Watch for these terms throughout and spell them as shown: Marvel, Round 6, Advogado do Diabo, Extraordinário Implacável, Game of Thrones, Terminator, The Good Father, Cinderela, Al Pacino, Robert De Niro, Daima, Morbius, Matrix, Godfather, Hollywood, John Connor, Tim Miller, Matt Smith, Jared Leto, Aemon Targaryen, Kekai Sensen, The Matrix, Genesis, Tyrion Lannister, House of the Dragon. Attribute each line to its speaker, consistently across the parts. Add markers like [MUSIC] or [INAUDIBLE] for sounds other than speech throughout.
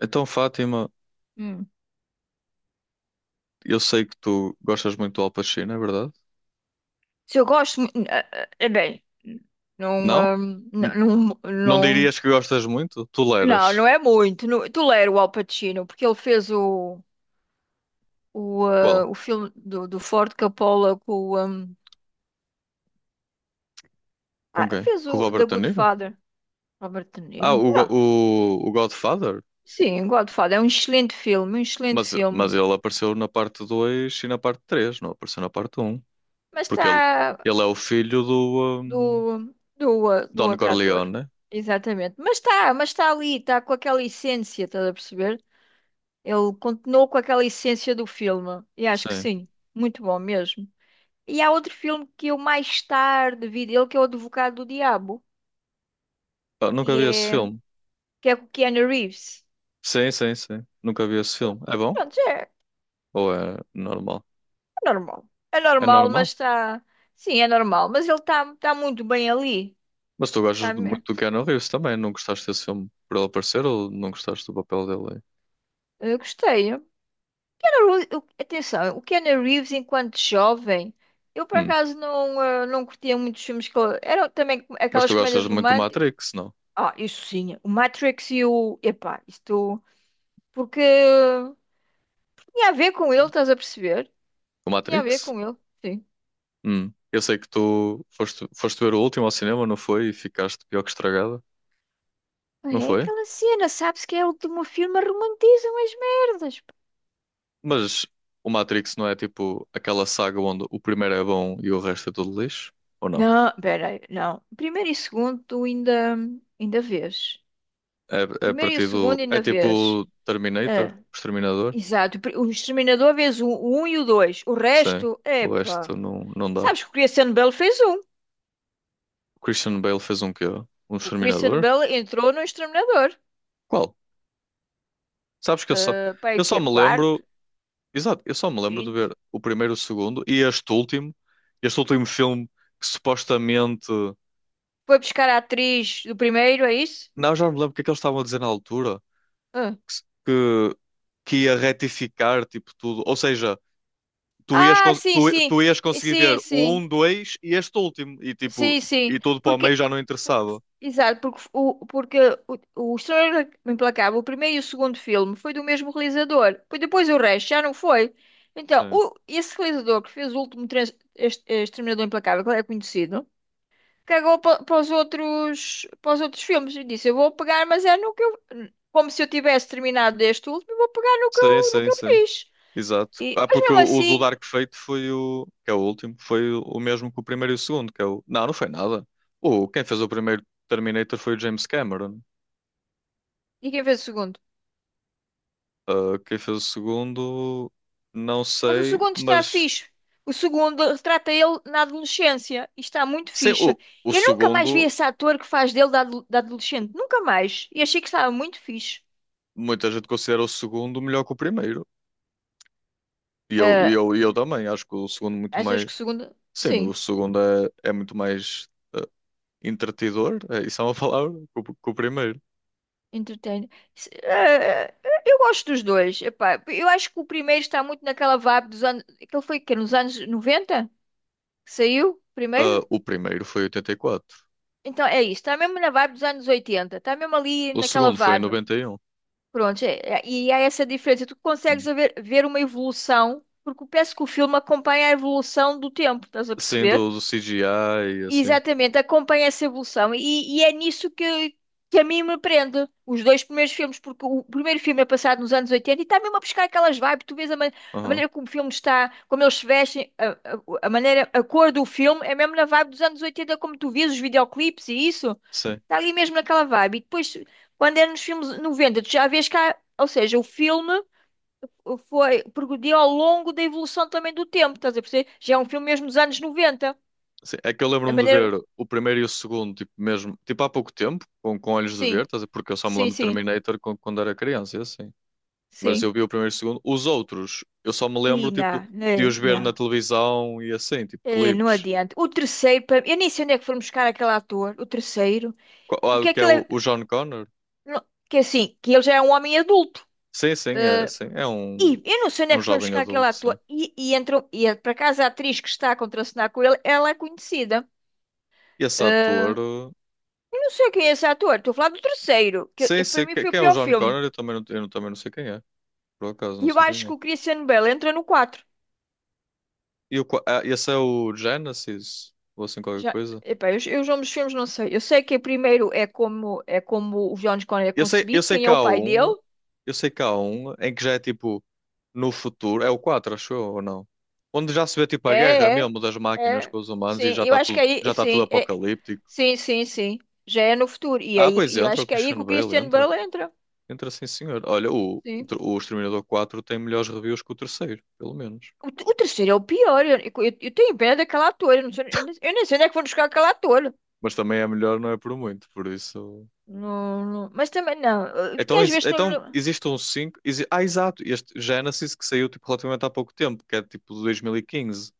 Speaker 1: Então, Fátima,
Speaker 2: Hum.
Speaker 1: eu sei que tu gostas muito do Al Pacino, é verdade?
Speaker 2: Se eu gosto, bem, não,
Speaker 1: Não?
Speaker 2: hum, não,
Speaker 1: N-
Speaker 2: não,
Speaker 1: não
Speaker 2: não,
Speaker 1: dirias que gostas muito?
Speaker 2: não,
Speaker 1: Toleras?
Speaker 2: não é muito. Não, tolero o Al Pacino, porque ele fez o,
Speaker 1: Qual?
Speaker 2: o filme do Ford Coppola com o,
Speaker 1: Com
Speaker 2: ah,
Speaker 1: quem?
Speaker 2: fez
Speaker 1: Com
Speaker 2: o
Speaker 1: o
Speaker 2: The
Speaker 1: Robert De
Speaker 2: Good
Speaker 1: Niro?
Speaker 2: Father, Robert De
Speaker 1: Ah,
Speaker 2: Niro.
Speaker 1: o,
Speaker 2: Não,
Speaker 1: o Godfather?
Speaker 2: sim, Godfather é um excelente filme, um excelente
Speaker 1: Mas
Speaker 2: filme.
Speaker 1: ele apareceu na parte 2 e na parte 3, não apareceu na parte um.
Speaker 2: Mas
Speaker 1: Porque
Speaker 2: está
Speaker 1: ele é o filho do
Speaker 2: do
Speaker 1: Don
Speaker 2: outro
Speaker 1: Corleone,
Speaker 2: ator.
Speaker 1: né?
Speaker 2: Exatamente. Mas está ali, está com aquela essência, estás a perceber? Ele continuou com aquela essência do filme. E acho que
Speaker 1: Sim.
Speaker 2: sim, muito bom mesmo. E há outro filme que eu mais tarde vi dele, que é o Advogado do Diabo,
Speaker 1: Ah, nunca
Speaker 2: que
Speaker 1: vi esse
Speaker 2: é,
Speaker 1: filme.
Speaker 2: que é com o Keanu Reeves.
Speaker 1: Sim, sim, sim. Nunca vi esse filme. É bom?
Speaker 2: Pronto,
Speaker 1: Ou é normal?
Speaker 2: é normal. É
Speaker 1: É
Speaker 2: normal, mas
Speaker 1: normal?
Speaker 2: está. Sim, é normal. Mas ele está muito bem ali.
Speaker 1: Mas tu
Speaker 2: Tá me-
Speaker 1: muito do Keanu Reeves também, não gostaste desse filme por ele aparecer ou não gostaste do papel dele?
Speaker 2: eu gostei. O Keanu Reeves- o- atenção, o Keanu Reeves, enquanto jovem, eu por
Speaker 1: Aí? Hum.
Speaker 2: acaso não curtia muitos filmes eram também
Speaker 1: Mas
Speaker 2: aquelas
Speaker 1: tu gostas
Speaker 2: comédias
Speaker 1: muito do
Speaker 2: românticas.
Speaker 1: Matrix, não?
Speaker 2: Ah, isso sim. O Matrix e o. Epá, isto. Porque tinha a ver com ele, estás a perceber?
Speaker 1: Do
Speaker 2: Tinha a ver
Speaker 1: Matrix?
Speaker 2: com ele, sim.
Speaker 1: Hum. Eu sei que tu foste ver o último ao cinema, não foi? E ficaste pior que estragada, não
Speaker 2: É
Speaker 1: foi?
Speaker 2: aquela cena, sabes que é o meu filme, romantizam as merdas, pá.
Speaker 1: Mas o Matrix não é tipo aquela saga onde o primeiro é bom e o resto é tudo lixo? Ou não?
Speaker 2: Não, peraí, não. Primeiro e segundo, ainda vês.
Speaker 1: É, é a
Speaker 2: Primeiro e o
Speaker 1: partir
Speaker 2: segundo,
Speaker 1: do. É
Speaker 2: ainda
Speaker 1: tipo
Speaker 2: vês.
Speaker 1: Terminator,
Speaker 2: Ah,
Speaker 1: o Exterminador?
Speaker 2: exato. O Exterminador vês o um e o dois. O
Speaker 1: Sim.
Speaker 2: resto,
Speaker 1: O
Speaker 2: epá.
Speaker 1: resto não, não dá.
Speaker 2: Sabes que o Christian Bale fez um.
Speaker 1: O Christian Bale fez um quê? Um
Speaker 2: O Christian
Speaker 1: Exterminador?
Speaker 2: Bale entrou no Exterminador.
Speaker 1: Qual? Sabes que
Speaker 2: Ah, pá,
Speaker 1: eu
Speaker 2: que
Speaker 1: só
Speaker 2: é
Speaker 1: me
Speaker 2: quarto?
Speaker 1: lembro, exato, eu só me lembro de
Speaker 2: Quinto?
Speaker 1: ver o primeiro, o segundo e este último filme que supostamente,
Speaker 2: Foi buscar a atriz do primeiro, é isso?
Speaker 1: não, já não me lembro o que é que eles estavam a dizer na altura,
Speaker 2: Ah,
Speaker 1: que, se- que ia retificar, tipo, tudo, ou seja, tu ias,
Speaker 2: ah, sim, sim.
Speaker 1: tu ias conseguir
Speaker 2: Sim,
Speaker 1: ver o
Speaker 2: sim.
Speaker 1: um, dois e este último, e tipo,
Speaker 2: Sim, sim.
Speaker 1: e tudo para o meio
Speaker 2: Porque,
Speaker 1: já não interessava.
Speaker 2: exato, porque o Extraordinário Implacável, o primeiro e o segundo filme, foi do mesmo realizador. Pois depois o resto já não foi. Então,
Speaker 1: Sim,
Speaker 2: o, esse realizador que fez o último Exterminador Implacável, que é conhecido, para os outros, para os outros filmes e disse: Eu vou pegar, mas é no que eu. Como se eu tivesse terminado este último, eu vou pegar no que
Speaker 1: sim,
Speaker 2: eu, no
Speaker 1: sim,
Speaker 2: que eu
Speaker 1: sim.
Speaker 2: fiz.
Speaker 1: Exato. Ah,
Speaker 2: Mas
Speaker 1: porque
Speaker 2: mesmo
Speaker 1: o do
Speaker 2: assim,
Speaker 1: Dark Fate foi o. Que é o último, foi o mesmo que o primeiro e o segundo, que é o. Não, não foi nada. O, quem fez o primeiro Terminator foi o James Cameron.
Speaker 2: e quem fez o segundo?
Speaker 1: Ah, quem fez o segundo, não
Speaker 2: Mas o
Speaker 1: sei,
Speaker 2: segundo está
Speaker 1: mas
Speaker 2: fixe. O segundo retrata ele na adolescência e está muito
Speaker 1: sei,
Speaker 2: fixe.
Speaker 1: o
Speaker 2: Eu nunca mais vi
Speaker 1: segundo,
Speaker 2: esse ator que faz dele da adolescente. Nunca mais. E achei que estava muito fixe.
Speaker 1: muita gente considera o segundo melhor que o primeiro. E eu, e
Speaker 2: Ah,
Speaker 1: eu, e eu também, acho que o segundo muito
Speaker 2: achas
Speaker 1: mais.
Speaker 2: que o segundo?
Speaker 1: Sim, o
Speaker 2: Sim,
Speaker 1: segundo é, é muito mais ah, entretidor, é, isso é uma [LAUGHS] palavra, que o primeiro.
Speaker 2: entretém. Eu gosto dos dois. Epá, eu acho que o primeiro está muito naquela vibe dos anos. Aquele foi que nos anos 90 que saiu
Speaker 1: Ah,
Speaker 2: primeiro?
Speaker 1: o primeiro foi em 84.
Speaker 2: Então é isso. Está mesmo na vibe dos anos 80. Está mesmo ali
Speaker 1: O
Speaker 2: naquela
Speaker 1: segundo foi em
Speaker 2: vibe.
Speaker 1: 91.
Speaker 2: Pronto, e há essa diferença. Tu
Speaker 1: Hum.
Speaker 2: ver uma evolução, porque eu penso que o filme acompanha a evolução do tempo, estás a
Speaker 1: Sim,
Speaker 2: perceber?
Speaker 1: do, do CGI e assim.
Speaker 2: Exatamente, acompanha essa evolução e é nisso que a mim me prende. Os dois primeiros filmes, porque o primeiro filme é passado nos anos 80 e está mesmo a buscar aquelas vibes. Tu vês a
Speaker 1: Aham.
Speaker 2: maneira como o filme está, como eles se vestem, a maneira, a cor do filme é mesmo na vibe dos anos 80, como tu vês os videoclipes e isso.
Speaker 1: Sim,
Speaker 2: Está ali mesmo naquela vibe. E depois, quando é nos filmes 90, tu já vês cá, ou seja, o filme foi progrediu ao longo da evolução também do tempo, estás a perceber? Já é um filme mesmo dos anos 90.
Speaker 1: sim. É que eu
Speaker 2: A
Speaker 1: lembro-me de
Speaker 2: maneira.
Speaker 1: ver o primeiro e o segundo, tipo, mesmo, tipo, há pouco tempo, com olhos de ver,
Speaker 2: Sim.
Speaker 1: estás a ver? Porque eu só me
Speaker 2: Sim,
Speaker 1: lembro de
Speaker 2: sim,
Speaker 1: Terminator quando, quando era criança, e assim. Mas
Speaker 2: sim.
Speaker 1: eu vi o primeiro e o segundo. Os outros, eu só me lembro, tipo, de
Speaker 2: Não,
Speaker 1: os ver na
Speaker 2: não.
Speaker 1: televisão e assim, tipo,
Speaker 2: Não
Speaker 1: clipes.
Speaker 2: adianta. O terceiro, eu nem sei onde é que foram buscar aquele ator, o terceiro,
Speaker 1: Qual, ah,
Speaker 2: porque
Speaker 1: que é
Speaker 2: aquele é.
Speaker 1: o John Connor?
Speaker 2: Que é assim, que ele já é um homem adulto.
Speaker 1: Sim, sim.
Speaker 2: E eu não sei
Speaker 1: É
Speaker 2: onde é
Speaker 1: um
Speaker 2: que foram
Speaker 1: jovem
Speaker 2: buscar aquele
Speaker 1: adulto, sim.
Speaker 2: ator. E entrou, por acaso a atriz que está a contracenar com ele, ela é conhecida.
Speaker 1: E esse
Speaker 2: Eh,
Speaker 1: ator,
Speaker 2: Eu não sei quem é esse ator, estou a falar do terceiro,
Speaker 1: sim,
Speaker 2: para
Speaker 1: sim.
Speaker 2: mim foi o
Speaker 1: Quem é o
Speaker 2: pior
Speaker 1: John
Speaker 2: filme.
Speaker 1: Connor? Eu também não sei quem é. Por acaso, não
Speaker 2: E eu
Speaker 1: sei
Speaker 2: acho
Speaker 1: quem é.
Speaker 2: que o Christian Bale entra no quatro.
Speaker 1: E o, ah, esse é o Genesis? Ou assim qualquer
Speaker 2: Já,
Speaker 1: coisa?
Speaker 2: epá, eu os nomes filmes não sei. Eu sei que primeiro é como o John Connor é
Speaker 1: Eu
Speaker 2: concebido,
Speaker 1: sei
Speaker 2: quem
Speaker 1: que
Speaker 2: é o
Speaker 1: há
Speaker 2: pai
Speaker 1: um,
Speaker 2: dele?
Speaker 1: eu sei que há um em que já é tipo no futuro, é o 4 acho eu, ou não? Onde já se vê tipo a guerra
Speaker 2: É, é,
Speaker 1: mesmo das máquinas
Speaker 2: é.
Speaker 1: com os humanos e
Speaker 2: Sim, eu acho que é
Speaker 1: já
Speaker 2: aí,
Speaker 1: está tudo
Speaker 2: sim,
Speaker 1: apocalíptico.
Speaker 2: sim, sim, sim. Já é no futuro. E é
Speaker 1: Ah,
Speaker 2: aí,
Speaker 1: pois
Speaker 2: e eu
Speaker 1: entra, o
Speaker 2: acho que é aí
Speaker 1: Christian
Speaker 2: que o
Speaker 1: Bale
Speaker 2: Christian
Speaker 1: entra.
Speaker 2: Bale entra.
Speaker 1: Entra sim, senhor. Olha, o,
Speaker 2: Sim.
Speaker 1: o Exterminador 4 tem melhores reviews que o terceiro, pelo menos.
Speaker 2: O terceiro é o pior. Eu tenho pena daquela ator. Eu, não sei, eu nem sei onde é que vão buscar aquela ator.
Speaker 1: Mas também é melhor, não é por muito, por isso.
Speaker 2: Mas também não. Porque
Speaker 1: Então,
Speaker 2: às vezes
Speaker 1: então existe um 5. Ah, exato. Este Genesis que saiu tipo, relativamente há pouco tempo, que é tipo de 2015,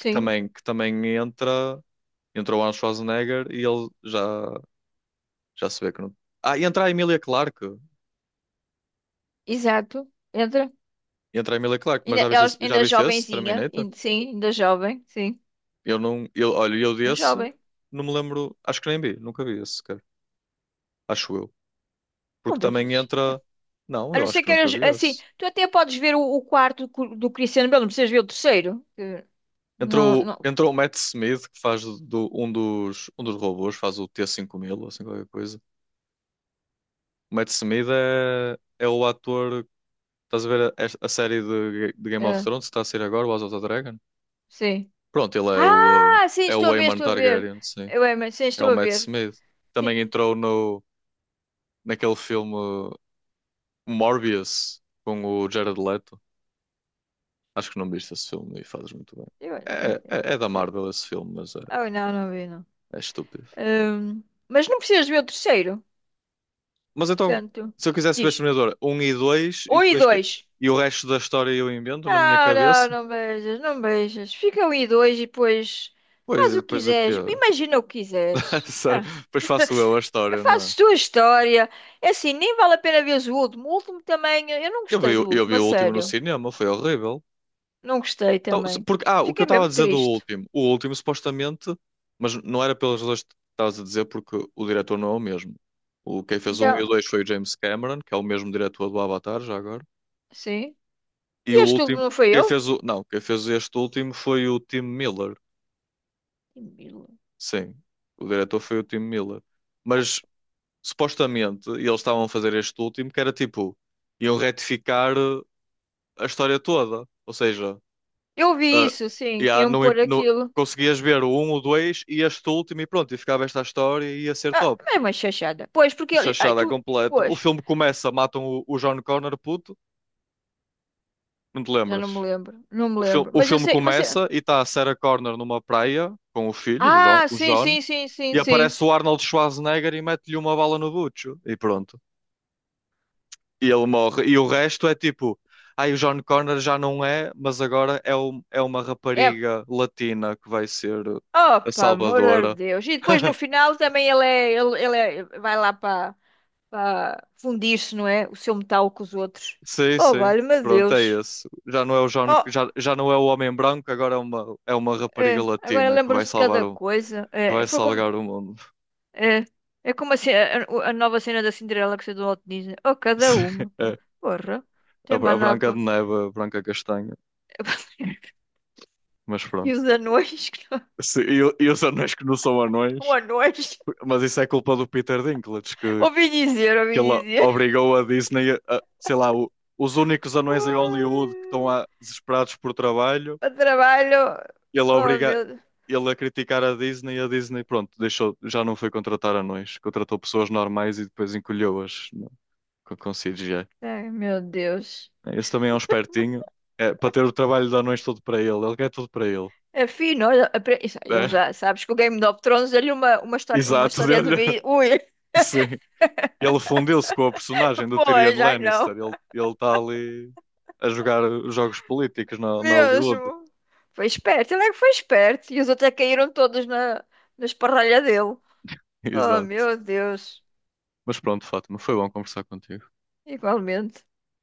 Speaker 1: que também entra. Entra o Arnold Schwarzenegger e ele já, já se vê que não. Ah, e entra a Emilia Clarke.
Speaker 2: exato. Entra.
Speaker 1: Entra a Emilia Clarke, mas
Speaker 2: Ainda, ela
Speaker 1: já
Speaker 2: ainda
Speaker 1: viste esse
Speaker 2: jovenzinha.
Speaker 1: Terminator?
Speaker 2: Sim, ainda jovem. Sim.
Speaker 1: Eu não. Eu, olha, eu
Speaker 2: Mas
Speaker 1: desse
Speaker 2: jovem,
Speaker 1: não me lembro. Acho que nem vi, nunca vi esse sequer. Acho eu.
Speaker 2: não
Speaker 1: Porque também
Speaker 2: vejas.
Speaker 1: entra. Não,
Speaker 2: A não
Speaker 1: eu acho
Speaker 2: ser
Speaker 1: que
Speaker 2: que
Speaker 1: nunca
Speaker 2: eras
Speaker 1: vi
Speaker 2: assim,
Speaker 1: esse.
Speaker 2: tu até podes ver o quarto do Cristiano Belo, não precisas ver o terceiro. Que Não,
Speaker 1: Entrou,
Speaker 2: não,
Speaker 1: entrou o Matt Smith, que faz do, um dos robôs, faz o T-5000, ou assim qualquer coisa. O Matt Smith é, é o ator. Estás a ver a série de Game of
Speaker 2: é,
Speaker 1: Thrones que está a sair agora, o House of the Dragon?
Speaker 2: sim.
Speaker 1: Pronto, ele é o,
Speaker 2: Ah, sim,
Speaker 1: é
Speaker 2: estou
Speaker 1: o
Speaker 2: a ver,
Speaker 1: Aemon
Speaker 2: estou a ver.
Speaker 1: Targaryen, sim.
Speaker 2: Eu é, mas sim,
Speaker 1: É
Speaker 2: estou
Speaker 1: o
Speaker 2: a
Speaker 1: Matt
Speaker 2: ver.
Speaker 1: Smith.
Speaker 2: Sim,
Speaker 1: Também entrou no, naquele filme Morbius, com o Jared Leto. Acho que não viste esse filme e fazes muito bem. É, é,
Speaker 2: é,
Speaker 1: é da Marvel
Speaker 2: certo.
Speaker 1: esse filme, mas é,
Speaker 2: Oh, não, não vi, não.
Speaker 1: é estúpido.
Speaker 2: Hum, mas não precisas ver o terceiro,
Speaker 1: Mas então,
Speaker 2: portanto,
Speaker 1: se eu quisesse ver
Speaker 2: diz.
Speaker 1: Exterminador um e 2 e
Speaker 2: Um e
Speaker 1: depois que.
Speaker 2: dois.
Speaker 1: E o resto da história eu invento na minha
Speaker 2: Não, não,
Speaker 1: cabeça?
Speaker 2: não beijas, não beijas. Fica um e dois e depois
Speaker 1: Pois,
Speaker 2: faz
Speaker 1: e
Speaker 2: o que
Speaker 1: depois o quê?
Speaker 2: quiseres, imagina o que quiseres.
Speaker 1: [LAUGHS] Sério,
Speaker 2: Ah.
Speaker 1: depois faço eu a história, não é?
Speaker 2: Fazes tua história. É assim, nem vale a pena veres o último. O último também, eu não
Speaker 1: Eu
Speaker 2: gostei
Speaker 1: vi,
Speaker 2: do
Speaker 1: eu
Speaker 2: último,
Speaker 1: vi
Speaker 2: a
Speaker 1: o último no
Speaker 2: sério.
Speaker 1: cinema, foi horrível.
Speaker 2: Não gostei
Speaker 1: Então,
Speaker 2: também.
Speaker 1: porque, ah, o que eu
Speaker 2: Fiquei
Speaker 1: estava a
Speaker 2: mesmo
Speaker 1: dizer do
Speaker 2: triste.
Speaker 1: último. O último, supostamente, mas não era pelas razões que estavas a dizer, porque o diretor não é o mesmo. O, quem fez o um e
Speaker 2: Então,
Speaker 1: o 2 foi o James Cameron, que é o mesmo diretor do Avatar, já agora.
Speaker 2: sim.
Speaker 1: E o
Speaker 2: E este último
Speaker 1: último,
Speaker 2: não foi
Speaker 1: quem
Speaker 2: eu?
Speaker 1: fez o. Não, quem fez este último foi o Tim Miller. Sim, o diretor foi o Tim Miller. Mas supostamente eles estavam a fazer este último que era tipo, iam retificar a história toda. Ou seja,
Speaker 2: Eu vi
Speaker 1: ah,
Speaker 2: isso, sim, que
Speaker 1: já
Speaker 2: iam
Speaker 1: não,
Speaker 2: pôr aquilo.
Speaker 1: conseguias ver o um o 2 e este último e pronto, e ficava esta história e ia ser
Speaker 2: Ah,
Speaker 1: top.
Speaker 2: é uma chachada. Pois, porque ele. Ai,
Speaker 1: Chachada
Speaker 2: tu.
Speaker 1: completa.
Speaker 2: Pois,
Speaker 1: O filme começa, matam o John Connor, puto, não te
Speaker 2: já não me
Speaker 1: lembras?
Speaker 2: lembro. Não me
Speaker 1: O,
Speaker 2: lembro.
Speaker 1: o
Speaker 2: Mas eu
Speaker 1: filme
Speaker 2: sei, mas.
Speaker 1: começa e está a Sarah Connor numa praia com o filho, o
Speaker 2: Ah,
Speaker 1: o
Speaker 2: sim,
Speaker 1: John,
Speaker 2: sim, sim, sim,
Speaker 1: e
Speaker 2: sim.
Speaker 1: aparece o Arnold Schwarzenegger e mete-lhe uma bala no bucho. E pronto. E ele morre. E o resto é tipo, ai, o John Connor já não é, mas agora é, é uma
Speaker 2: É.
Speaker 1: rapariga latina que vai ser a
Speaker 2: Opa, amor de
Speaker 1: salvadora.
Speaker 2: Deus. E depois no
Speaker 1: [LAUGHS]
Speaker 2: final também ele é. Vai lá para. Pá, fundir-se, não é? O seu metal com os outros.
Speaker 1: Sim,
Speaker 2: Oh,
Speaker 1: sim.
Speaker 2: vale-me
Speaker 1: Pronto, é
Speaker 2: Deus.
Speaker 1: esse. Já não é o John,
Speaker 2: Oh,
Speaker 1: já, já não é o homem branco, agora é uma rapariga
Speaker 2: é, agora
Speaker 1: latina que vai
Speaker 2: lembram-se de
Speaker 1: salvar
Speaker 2: cada
Speaker 1: o,
Speaker 2: coisa.
Speaker 1: que
Speaker 2: É,
Speaker 1: vai
Speaker 2: foi como,
Speaker 1: salvar o mundo.
Speaker 2: é, é como a nova cena da Cinderela que saiu do Walt Disney. Oh,
Speaker 1: [LAUGHS]
Speaker 2: cada
Speaker 1: Sim,
Speaker 2: uma, pá.
Speaker 1: é.
Speaker 2: Porra.
Speaker 1: A,
Speaker 2: Tem
Speaker 1: A
Speaker 2: mais nada
Speaker 1: Branca de
Speaker 2: para...
Speaker 1: Neve, a Branca Castanha.
Speaker 2: [LAUGHS]
Speaker 1: Mas
Speaker 2: E os
Speaker 1: pronto.
Speaker 2: anões? Que não-
Speaker 1: Sim, e, e os anões que não são
Speaker 2: [LAUGHS] Um
Speaker 1: anões,
Speaker 2: anões?
Speaker 1: mas isso é culpa do Peter Dinklage, que
Speaker 2: Ouvi dizer,
Speaker 1: que
Speaker 2: ouvi
Speaker 1: ele
Speaker 2: dizer.
Speaker 1: obrigou a Disney a, sei lá, os únicos anões em Hollywood que estão
Speaker 2: [LAUGHS]
Speaker 1: lá desesperados por trabalho,
Speaker 2: Ai, o trabalho...
Speaker 1: ele
Speaker 2: Oh,
Speaker 1: obriga
Speaker 2: meu...
Speaker 1: ele a criticar a Disney e a Disney, pronto, deixou, já não foi contratar anões, contratou pessoas normais e depois encolheu-as no- com CGI.
Speaker 2: Ai, meu Deus.
Speaker 1: Esse também é um espertinho, é, para ter o trabalho de anões todo para ele, ele quer tudo para ele.
Speaker 2: É fino, olha, isso, ele
Speaker 1: É,
Speaker 2: já sabes que o Game of Thrones deu-lhe uma
Speaker 1: exato,
Speaker 2: história de
Speaker 1: deu-lhe, [LAUGHS]
Speaker 2: vida. Ui,
Speaker 1: sim. Ele fundiu-se com a personagem
Speaker 2: [LAUGHS]
Speaker 1: do Tyrion
Speaker 2: pois, ai
Speaker 1: Lannister,
Speaker 2: não,
Speaker 1: ele está ali a jogar jogos políticos na, na Hollywood.
Speaker 2: mesmo. Foi esperto, ele é que foi esperto. E os outros é que caíram todos na, na esparralha dele.
Speaker 1: [LAUGHS]
Speaker 2: Oh,
Speaker 1: Exato.
Speaker 2: meu Deus,
Speaker 1: Mas pronto, Fátima, foi bom conversar contigo.
Speaker 2: igualmente.